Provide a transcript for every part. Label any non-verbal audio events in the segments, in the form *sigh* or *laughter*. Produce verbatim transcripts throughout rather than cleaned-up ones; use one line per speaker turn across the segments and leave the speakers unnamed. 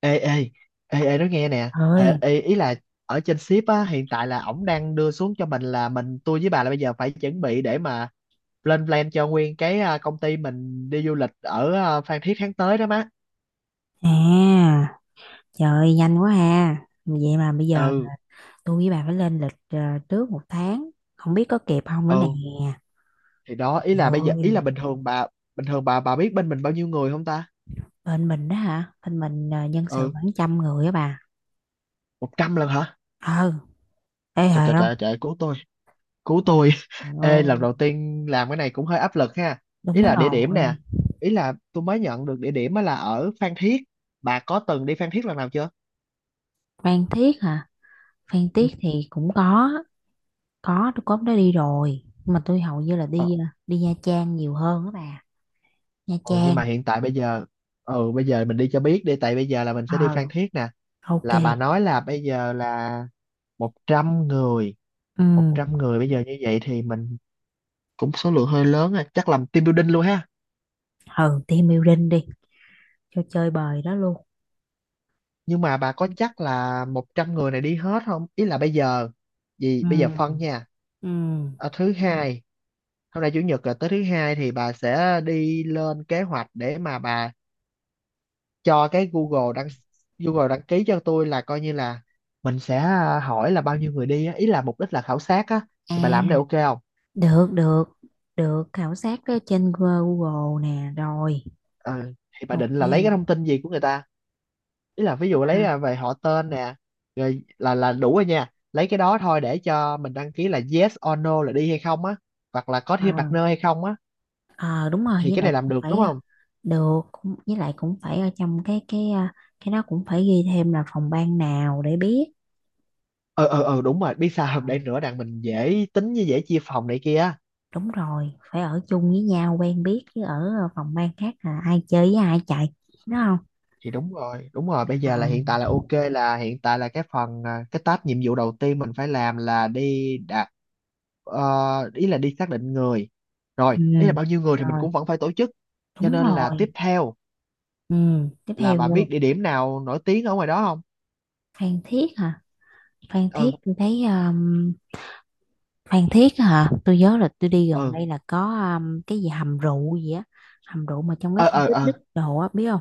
Ê ê ê ê nói nghe nè. Hả?
Thôi,
Ê, ý là ở trên ship á, hiện tại là ổng đang đưa xuống cho mình là mình, tôi với bà là bây giờ phải chuẩn bị để mà lên plan cho nguyên cái à, công ty mình đi du lịch ở à, Phan Thiết tháng tới đó má.
à, trời ơi, nhanh quá ha. Vậy mà bây giờ
Ừ.
tôi với bà phải lên lịch ờ, trước một tháng, không biết có kịp không nữa nè.
ừ thì đó, ý là bây giờ, ý là
Rồi,
bình thường bà, bình thường bà bà biết bên mình bao nhiêu người không ta?
bên mình đó hả? Bên mình ờ, nhân sự
Ừ.
khoảng trăm người á bà.
Một trăm lần hả?
Ừ, ê
Trời
hề
trời
không?
trời trời, cứu tôi. Cứu tôi.
Trời
*laughs* Ê, lần
ơi,
đầu tiên làm cái này cũng hơi áp lực ha. Ý
đúng
là địa điểm nè.
rồi.
Ý là tôi mới nhận được địa điểm á là ở Phan Thiết. Bà có từng đi Phan Thiết lần nào chưa?
Phan Thiết hả? Phan
Ừ.
Thiết thì cũng có, có tôi có hôm đó đi rồi. Nhưng mà tôi hầu như là
Ờ.
đi ờ, đi Nha Trang nhiều hơn á bà. Nha
Ừ, nhưng
Trang.
mà hiện tại bây giờ, ừ bây giờ mình đi cho biết đi, tại bây giờ là mình sẽ đi
Ờ,
Phan Thiết nè.
ok.
Là bà nói là bây giờ là một trăm người.
Ừ,
Một trăm người bây giờ như vậy thì mình cũng số lượng hơi lớn rồi, chắc làm team building luôn ha.
ừ, team building đi cho chơi bời đó luôn.
Nhưng mà bà có chắc là một trăm người này đi hết không, ý là bây giờ gì
Ừ.
bây giờ phân nha.
Ừ.
Ờ, thứ hai, hôm nay chủ nhật là tới thứ hai thì bà sẽ đi lên kế hoạch để mà bà cho cái Google đăng, Google đăng ký cho tôi, là coi như là mình sẽ à, hỏi là bao nhiêu người đi á, ý là mục đích là khảo sát á. Thì bà
À,
làm cái này ok không?
được, được, được, khảo sát ở trên Google nè, rồi,
Ờ, thì bà định
ok.
là lấy cái thông tin gì của người ta? Ý là ví dụ lấy
À,
à, về họ tên nè, rồi là là đủ rồi nha, lấy cái đó thôi để cho mình đăng ký là yes or no là đi hay không á, hoặc là có
ờ,
thêm partner hay không á.
ờ, đúng rồi,
Thì
với
cái
lại
này làm
cũng
được
phải,
đúng
ờ,
không?
được, cũng, với lại cũng phải ở trong cái, cái, ờ, cái đó cũng phải ghi thêm là phòng ban nào để biết.
ờ ờ ờ Đúng rồi, biết sao không,
Ờ,
để nữa đặng mình dễ tính với dễ chia phòng này kia á.
đúng rồi, phải ở chung với nhau, quen biết, chứ ở ờ, phòng ban khác là ai chơi với ai chạy, đúng không?
Thì đúng rồi đúng rồi, bây
Ờ,
giờ là hiện tại là ok, là hiện tại là cái phần à, cái task, nhiệm vụ đầu tiên mình phải làm là đi đạt. Ờ, ý là đi xác định người,
ừ,
rồi ý là bao nhiêu người thì mình
rồi,
cũng vẫn phải tổ chức, cho
đúng
nên là
rồi,
tiếp theo
ừ, tiếp
là
theo
bà biết
luôn.
địa điểm nào nổi tiếng ở ngoài đó không?
Phan Thiết hả? Phan Thiết
Ừ.
tôi thấy, um, Phan Thiết á hả? Tôi nhớ là tôi đi gần
Ừ.
đây là có, um, cái gì hầm rượu gì á, hầm rượu mà trong cái
ờ
khu
ờ ờ
picnic đồ á biết không?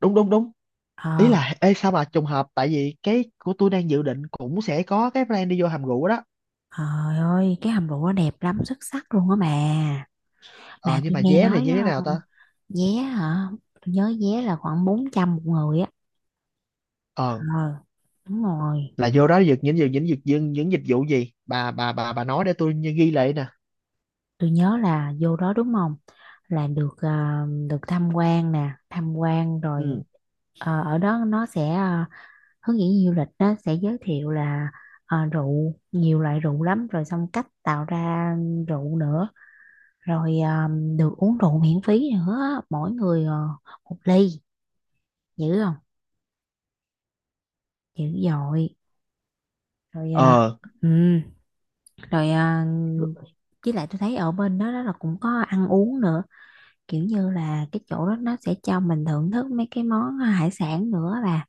Đúng đúng đúng. Ý
Ờ,
là ê sao mà trùng hợp, tại vì cái của tôi đang dự định cũng sẽ có cái plan đi vô hầm rượu đó.
trời ơi, cái hầm rượu nó đẹp lắm, xuất sắc luôn á mà. Mà
Ờ nhưng
tôi
mà
nghe
vé thì
nói,
như thế
ờ,
nào ta?
vé hả? Tôi nhớ vé là khoảng bốn trăm một người á.
Ờ.
Ờ, đúng rồi.
Là vô đó được những những những những những, những dịch vụ gì, bà bà bà bà nói để tôi như ghi lại nè.
Tôi nhớ là vô đó đúng không? Là được ờ, được tham quan nè, tham quan rồi,
Ừ.
ờ, ở đó nó sẽ, ờ, hướng dẫn viên du lịch đó sẽ giới thiệu là, ờ, rượu nhiều loại rượu lắm, rồi xong cách tạo ra rượu nữa, rồi ờm, được uống rượu miễn phí nữa mỗi người ờ, một ly, dữ không, dữ dội. Rồi, à,
ờ
ừ, rồi, à, với lại tôi thấy ở bên đó, đó là cũng có ăn uống nữa, kiểu như là cái chỗ đó nó sẽ cho mình thưởng thức mấy cái món, à, hải sản nữa, là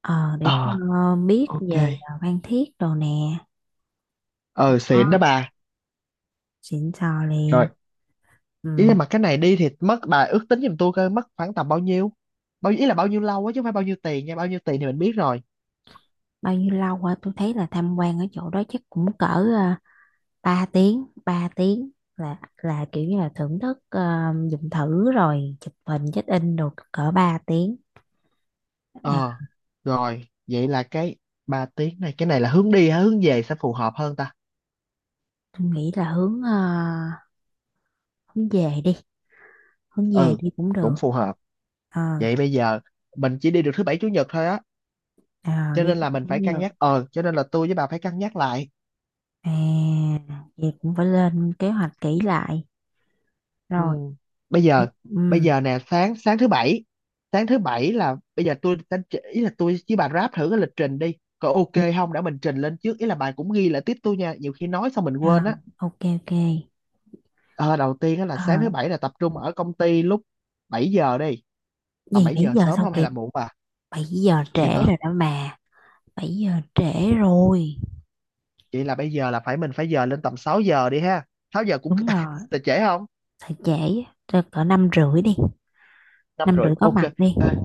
ờ, để
ờ
ờ, biết
ok.
về ờ, Phan Thiết đồ nè.
Ờ xịn đó
Đó,
bà.
xịn sò liền.
Rồi, ý là
Ừ.
mà cái này đi thì mất, bà ước tính giùm tôi coi mất khoảng tầm bao nhiêu, bao, ý là bao nhiêu lâu á, chứ không phải bao nhiêu tiền nha, bao nhiêu tiền thì mình biết rồi.
Bao nhiêu lâu hả? Tôi thấy là tham quan ở chỗ đó chắc cũng cỡ, à, ba tiếng ba tiếng là là kiểu như là thưởng thức, à, dùng thử rồi chụp hình check in, rồi cỡ ba tiếng à,
Ờ, rồi, vậy là cái ba tiếng này, cái này là hướng đi hay hướng về sẽ phù hợp hơn ta?
tôi nghĩ là hướng à, hướng về đi hướng về
Ừ,
đi cũng
cũng
được.
phù hợp.
ờ
Vậy bây giờ mình chỉ đi được thứ bảy chủ nhật thôi á,
à,
cho
Đi
nên là mình phải
cũng
cân
được.
nhắc. Ờ, cho nên là tôi với bà phải cân nhắc lại.
à Vậy cũng phải lên kế hoạch kỹ lại
Ừ,
rồi.
bây
Nhưng-
giờ, bây
ừ.
giờ nè, sáng sáng thứ bảy, sáng thứ bảy là bây giờ tôi sẽ, ý là tôi với bà ráp thử cái lịch trình đi. Có ok không để mình trình lên trước, ý là bà cũng ghi lại tiếp tôi nha, nhiều khi nói xong mình
à,
quên á.
ok, ok.
Ờ, đầu tiên á là sáng thứ
à,
bảy là tập trung ở công ty lúc bảy giờ đi. Tầm
Gì
bảy
bảy
giờ
giờ
sớm
sao
không hay
kịp?
là muộn bà?
Bảy giờ trễ
Kịp hả?
rồi đó mà, bảy giờ trễ rồi.
Vậy là bây giờ là phải mình phải giờ lên tầm sáu giờ đi ha. Sáu giờ cũng
Đúng rồi,
*laughs* là trễ không?
thời trễ á, cỡ năm rưỡi đi,
Năm
năm
rưỡi
rưỡi có
ok.
mặt đi.
Ê,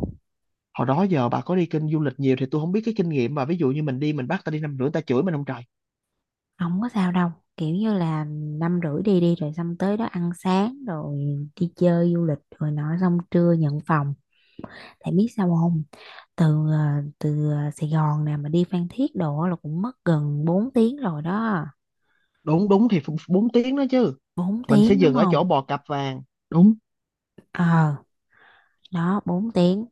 hồi đó giờ bà có đi kênh du lịch nhiều thì tôi không biết cái kinh nghiệm, mà ví dụ như mình đi mình bắt ta đi năm rưỡi ta chửi mình không trời.
Không có sao đâu, kiểu như là năm rưỡi đi đi, rồi xong tới đó ăn sáng, rồi đi chơi du lịch rồi nọ, xong trưa nhận phòng. Tại biết sao không? Từ ờ, từ ờ, Sài Gòn nè mà đi Phan Thiết đồ là cũng mất gần bốn tiếng rồi đó.
Đúng đúng thì bốn tiếng đó chứ.
Bốn
Mình sẽ
tiếng, đúng
dừng ở
không?
chỗ bò cặp vàng. Đúng.
ờ Đó, bốn tiếng,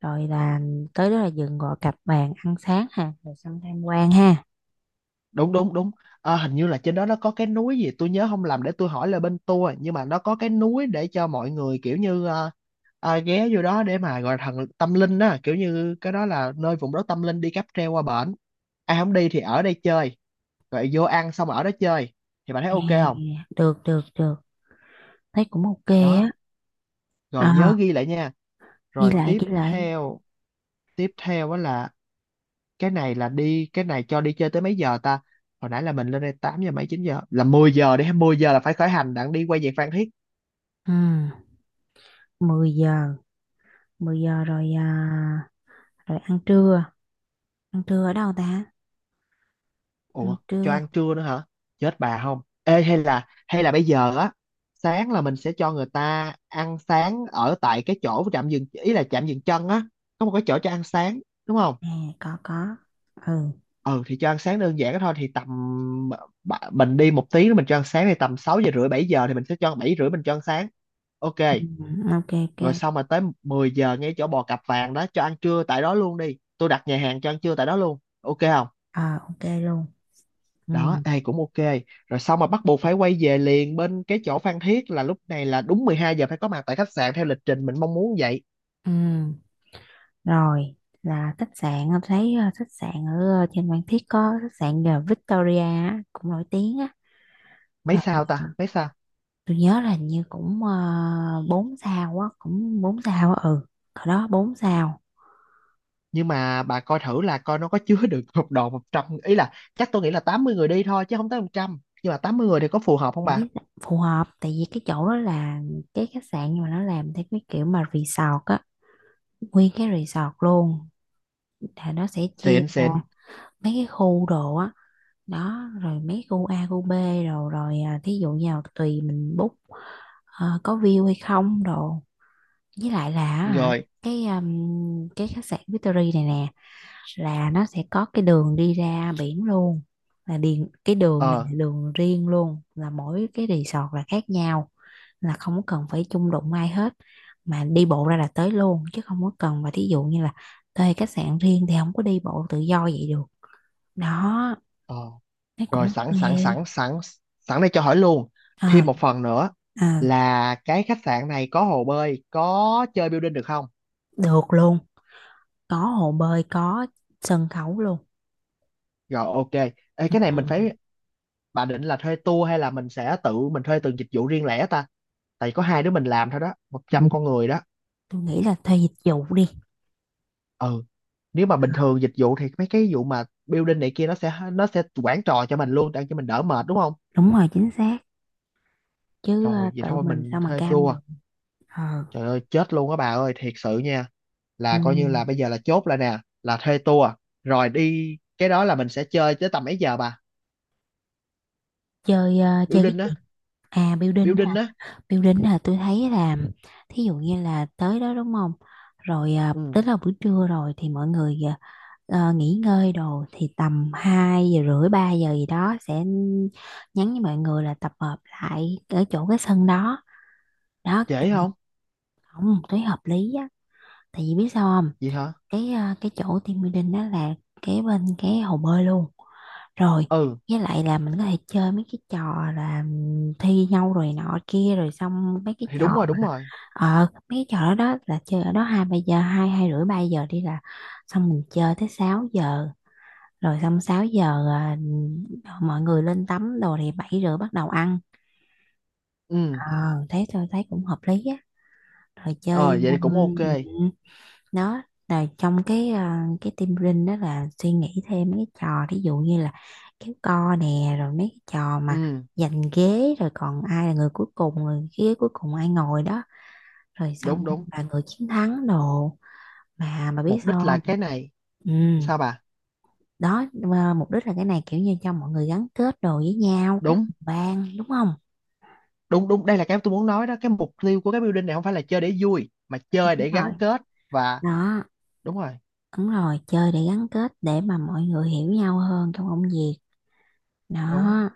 rồi là tới đó là dừng gọi cặp bàn ăn sáng ha, rồi xong tham quan ha.
Đúng đúng đúng. Ờ, hình như là trên đó nó có cái núi gì tôi nhớ không lầm, để tôi hỏi là bên tour, nhưng mà nó có cái núi để cho mọi người kiểu như ờ, ờ, ghé vô đó để mà gọi là thần tâm linh á, kiểu như cái đó là nơi vùng đất tâm linh, đi cáp treo qua bển, ai không đi thì ở đây chơi, rồi vô ăn xong ở đó chơi. Thì bạn thấy
À,
ok không?
được, được, được, thấy cũng ok
Đó,
á.
rồi nhớ
à,
ghi lại nha.
Ghi
Rồi
lại,
tiếp
ghi lại.
theo, tiếp theo á là cái này là đi, cái này cho đi chơi tới mấy giờ ta? Hồi nãy là mình lên đây tám giờ mấy, chín giờ là mười giờ đi, mười giờ là phải khởi hành đặng đi quay về Phan Thiết.
Ừ, mười giờ, mười giờ rồi. À, rồi ăn trưa, ăn trưa ở đâu ta? Ăn
Ủa, cho
trưa
ăn trưa nữa hả? Chết bà không, ê hay là hay là bây giờ á, sáng là mình sẽ cho người ta ăn sáng ở tại cái chỗ trạm dừng, ý là trạm dừng chân á, có một cái chỗ cho ăn sáng, đúng không?
nè, có, có. Ừ,
Ừ, thì cho ăn sáng đơn giản đó thôi, thì tầm, bạ- mình đi một tiếng nữa mình cho ăn sáng thì tầm sáu giờ rưỡi bảy giờ thì mình sẽ cho bảy rưỡi mình cho ăn sáng. Ok.
ừ, ok, ok.
Rồi xong mà tới mười giờ ngay chỗ bò cặp vàng đó cho ăn trưa tại đó luôn đi, tôi đặt nhà hàng cho ăn trưa tại đó luôn ok không?
À, ok luôn. Ừ,
Đó ai cũng ok. Rồi xong mà bắt buộc phải quay về liền bên cái chỗ Phan Thiết là lúc này là đúng mười hai giờ phải có mặt tại khách sạn theo lịch trình mình mong muốn vậy.
ừ. Rồi là khách sạn em thấy, à, khách sạn ở, à, trên Phan Thiết có khách sạn, à, Victoria á, cũng nổi tiếng á.
Mấy
Rồi,
sao
à,
ta, mấy sao?
tôi nhớ là hình như cũng, uh, bốn sao á, cũng bốn sao á. Ừ, hồi đó bốn sao.
Nhưng mà bà coi thử là coi nó có chứa *laughs* được một đồ một trăm, ý là chắc tôi nghĩ là tám mươi người đi thôi chứ không tới một trăm, nhưng mà tám mươi người thì có phù hợp không
Em biết
bà?
là phù hợp, tại vì cái chỗ đó là cái khách sạn nhưng mà nó làm theo cái kiểu mà resort á, nguyên cái resort luôn, là nó sẽ chia
Xịn
ra
xịn.
mấy cái khu đồ á. Đó, rồi mấy khu A khu B. rồi rồi, à, thí dụ như là tùy mình book, ờ, có view hay không đồ, với lại là hả,
Rồi.
cái um, cái khách sạn Victory này nè, là nó sẽ có cái đường đi ra biển luôn, là điền cái đường này
ờ
là đường riêng luôn, là mỗi cái resort là khác nhau, là không có cần phải chung đụng ai hết, mà đi bộ ra là tới luôn, chứ không có cần. Và thí dụ như là thuê khách sạn riêng thì không có đi bộ tự do vậy được. Đó,
ờ
nó cũng
Rồi sẵn sẵn sẵn
ok.
sẵn sẵn đây cho hỏi luôn, thêm
ờ
một phần nữa
à,
là cái khách sạn này có hồ bơi, có chơi building được không?
Được luôn, có hồ bơi, có sân khấu luôn.
Rồi ok. Ê,
Ừ.
cái này mình phải, bà định là thuê tour hay là mình sẽ tự mình thuê từng dịch vụ riêng lẻ ta? Tại có hai đứa mình làm thôi đó, một trăm con người đó.
Tôi nghĩ là thuê dịch vụ đi.
Ừ. Nếu mà bình
Ờ,
thường dịch vụ thì mấy cái vụ mà building này kia nó sẽ nó sẽ quản trò cho mình luôn để cho mình đỡ mệt đúng không?
đúng rồi, chính xác, chứ ờ,
Rồi vậy
tự
thôi
mình
mình
sao mà
thuê
cam được.
tour.
ờ
Trời ơi, chết luôn á bà ơi, thiệt sự nha.
Ừ.
Là coi như là bây giờ là chốt lại nè là thuê tour. Rồi đi cái đó là mình sẽ chơi tới tầm mấy giờ bà?
Chơi ờ, chơi cái
Building á.
gì? À, building
Building
hả?
á.
Building là tôi thấy là, thí dụ như là tới đó đúng không? Rồi, ờ,
Ừ.
tới là buổi trưa rồi thì mọi người, ờ, ờ, nghỉ ngơi đồ, thì tầm hai giờ rưỡi ba giờ gì đó sẽ nhắn với mọi người là tập hợp lại ở chỗ cái sân đó. Đó,
Trễ
tại vì
không?
không, tôi hợp lý á. Tại vì biết sao không?
Vậy hả?
Cái ờ, cái chỗ team building đó là kế bên cái hồ bơi luôn. Rồi,
Ừ
với lại là mình có thể chơi mấy cái trò là thi nhau, rồi nọ kia, rồi xong mấy cái
thì
trò
đúng rồi đúng
mà,
rồi.
ờ mấy cái trò đó đó, là chơi ở đó hai ba giờ, hai hai rưỡi ba giờ đi, là xong mình chơi tới sáu giờ, rồi xong sáu giờ à, mọi người lên tắm đồ, thì bảy rưỡi bắt đầu ăn.
Ừ.
Ờ, thế tôi thấy cũng hợp lý á. Rồi
Ờ
chơi,
vậy thì cũng ok.
um, đó là trong cái, à, cái team building đó là suy nghĩ thêm mấy cái trò, ví dụ như là kéo co nè, rồi mấy cái trò mà
Ừ.
giành ghế, rồi còn ai là người cuối cùng, người ghế cuối cùng ai ngồi đó, rồi xong
Đúng đúng.
là người chiến thắng đồ. Mà mà biết
Mục đích
sao
là
không?
cái này.
Ừ,
Sao bà?
đó mà mục đích là cái này, kiểu như cho mọi người gắn kết đồ với nhau, các
Đúng
phòng ban đúng không?
đúng đúng, đây là cái tôi muốn nói đó, cái mục tiêu của cái building này không phải là chơi để vui mà chơi
Đúng
để
rồi.
gắn kết. Và.
Đó,
Đúng rồi.
đúng rồi, chơi để gắn kết, để mà mọi người hiểu nhau hơn trong công việc.
Đúng.
Đó,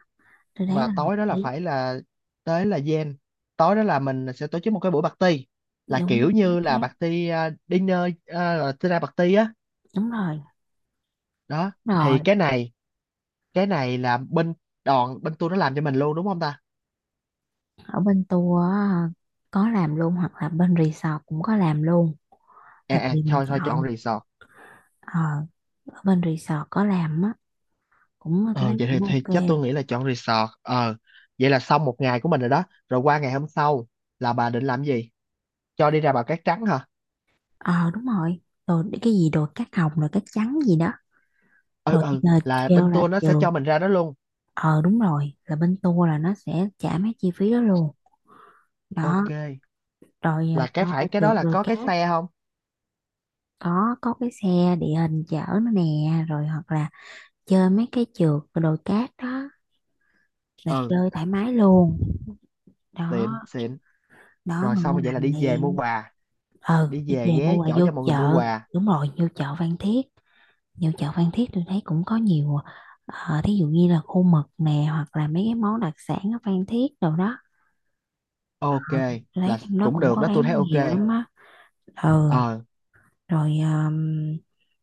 tôi thấy
Và
là hợp
tối đó là
lý.
phải là, tới là gen, tối đó là mình sẽ tổ chức một cái buổi party, là
Đúng,
kiểu
chính
như là
xác.
party uh, dinner, uh, dinner party á.
Đúng rồi.
Đó.
Rồi,
Thì cái này, cái này là bên đoàn bên tôi nó làm cho mình luôn đúng không ta?
ở bên tour á, có làm luôn, hoặc là bên resort cũng có làm luôn,
À
là
à
tùy mình
thôi thôi chọn
chọn.
resort.
ờ Ở bên resort có làm á, cũng tôi
Ờ
thấy
vậy thì,
cũng
thì
ok.
chắc tôi nghĩ là chọn resort. Ờ vậy là xong một ngày của mình rồi đó. Rồi qua ngày hôm sau là bà định làm gì? Cho đi ra Bà Cát Trắng hả?
ờ Đúng rồi. Rồi. Đi- cái gì đồ cát hồng rồi cát trắng gì đó.
Ừ
Rồi chỉ
ừ
là
là
kêu
bên
là
tour nó sẽ
trừ.
cho mình ra đó luôn.
ờ Đúng rồi, là bên tour là nó sẽ trả mấy chi phí đó luôn. Đó,
Ok,
rồi, à,
là cái
cho
phải cái
trượt
đó là
đồi
có cái
cát,
xe không?
có có cái xe địa hình chở nó nè. Rồi hoặc là chơi mấy cái trượt đồi cát đó, là
Ừ
chơi thoải mái luôn. Đó,
xịn xịn.
đó,
Rồi xong
ngon
rồi vậy là
lành
đi về mua
liền.
quà.
Ừ,
Đi
đi
về
về
ghé
mua là
chỗ
vô
cho mọi người mua
chợ.
quà.
Đúng rồi, vô chợ Phan Thiết. Vô chợ Phan Thiết tôi thấy cũng có nhiều, ờ, thí dụ như là khô mực nè, hoặc là mấy cái món đặc sản ở Phan Thiết đồ đó.
Ok,
Ờ, tôi thấy
là
trong đó
cũng
cũng
được
có
đó tôi thấy
bán
ok.
nhiều lắm á. Ừ,
Ờ.
rồi, um,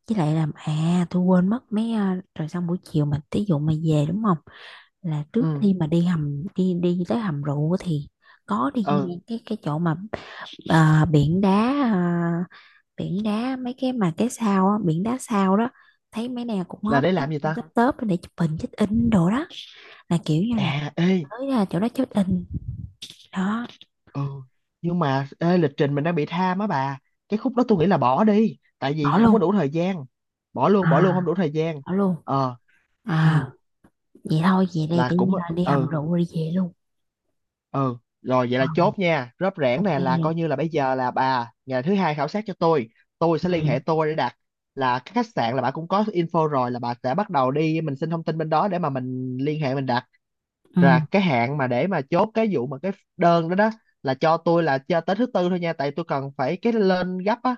với lại làm, à tôi quên mất mấy, ờ, rồi xong buổi chiều mà thí dụ mà về đúng không, là trước
Ừ.
khi mà đi hầm đi đi tới hầm rượu thì có đi
Ừ.
ngang cái cái chỗ mà, Ờ, biển đá, ờ, biển đá mấy cái mà cái sao á, biển đá sao đó, thấy mấy nào cũng
Là
hot,
để làm gì ta?
tấp tớp để chụp hình check in đồ đó, là kiểu như là
À ê.
tới ra chỗ đó check in. Đó,
Ừ nhưng mà ê, lịch trình mình đang bị tham á bà, cái khúc đó tôi nghĩ là bỏ đi tại vì
bỏ
không có
luôn.
đủ thời gian. Bỏ luôn,
à
bỏ luôn, không đủ thời gian.
Bỏ luôn.
Ờ. Ừ.
à Vậy thôi về đây
Là
tự
cũng.
nhiên là đi hầm
Ừ.
rượu rồi đi về luôn.
Ừ rồi vậy
Ờ,
là chốt nha rớp rẻn
ok.
nè, là coi như là bây giờ là bà ngày thứ hai khảo sát cho tôi tôi
Ừ,
sẽ liên hệ tôi để đặt, là cái khách sạn là bà cũng có info rồi, là bà sẽ bắt đầu đi mình xin thông tin bên đó để mà mình liên hệ mình đặt. Là
ừ,
cái hạn mà để mà chốt cái vụ mà cái đơn đó đó, là cho tôi là cho tới thứ tư thôi nha, tại tôi cần phải cái lên gấp á,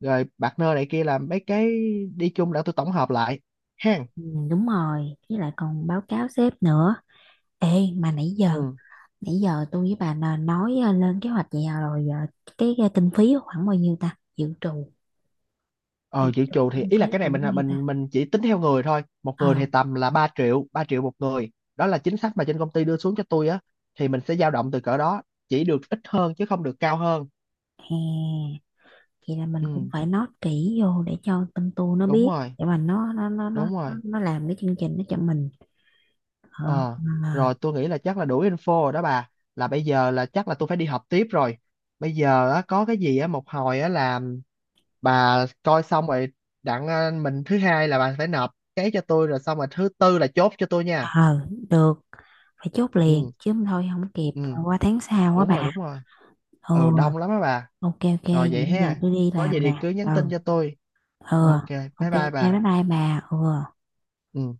rồi partner này kia làm mấy cái đi chung để tôi tổng hợp lại ha.
ừ, đúng rồi, với lại còn báo cáo sếp nữa. Ê, mà nãy giờ
Ừ.
nãy giờ tôi với bà là nói, ờ, lên kế hoạch vậy, à, rồi giờ cái, cái kinh phí khoảng bao nhiêu ta dự trù? Dự
Ờ dự
trù
trù thì
kinh
ý
phí
là cái này
còn cái
mình
gì ta?
mình mình chỉ tính theo người thôi, một người
ờ
thì tầm là ba triệu, ba triệu một người. Đó là chính sách mà trên công ty đưa xuống cho tôi á, thì mình sẽ dao động từ cỡ đó, chỉ được ít hơn chứ không được cao hơn.
Hè, vậy là mình
Ừ,
cũng phải nói kỹ vô để cho tâm tu nó
đúng
biết,
rồi.
để mà nó nó nó nó
Đúng
nó
rồi.
nó làm cái chương trình nó cho mình. ờ
Ờ,
mà-
rồi tôi nghĩ là chắc là đủ info rồi đó bà. Là bây giờ là chắc là tôi phải đi học tiếp rồi. Bây giờ á, có cái gì á một hồi á là bà coi xong rồi đặng ờ, mình thứ hai là bà phải nộp cái cho tôi, rồi xong rồi thứ tư là chốt cho tôi nha.
ờ Được, phải chốt liền
Ừ,
chứ không thôi không kịp,
ừ,
qua tháng sau quá
đúng rồi,
bà.
đúng rồi. Ừ,
Ừ,
đông lắm á bà.
ok, ok,
Rồi
vậy
vậy
bây giờ
ha.
tôi đi
Có gì
làm
thì
nè.
cứ nhắn
Ừ,
tin cho tôi.
ừ,
Ok, bye
ok, ok,
bye bà.
bye bye bà. Ừ.
Ừ.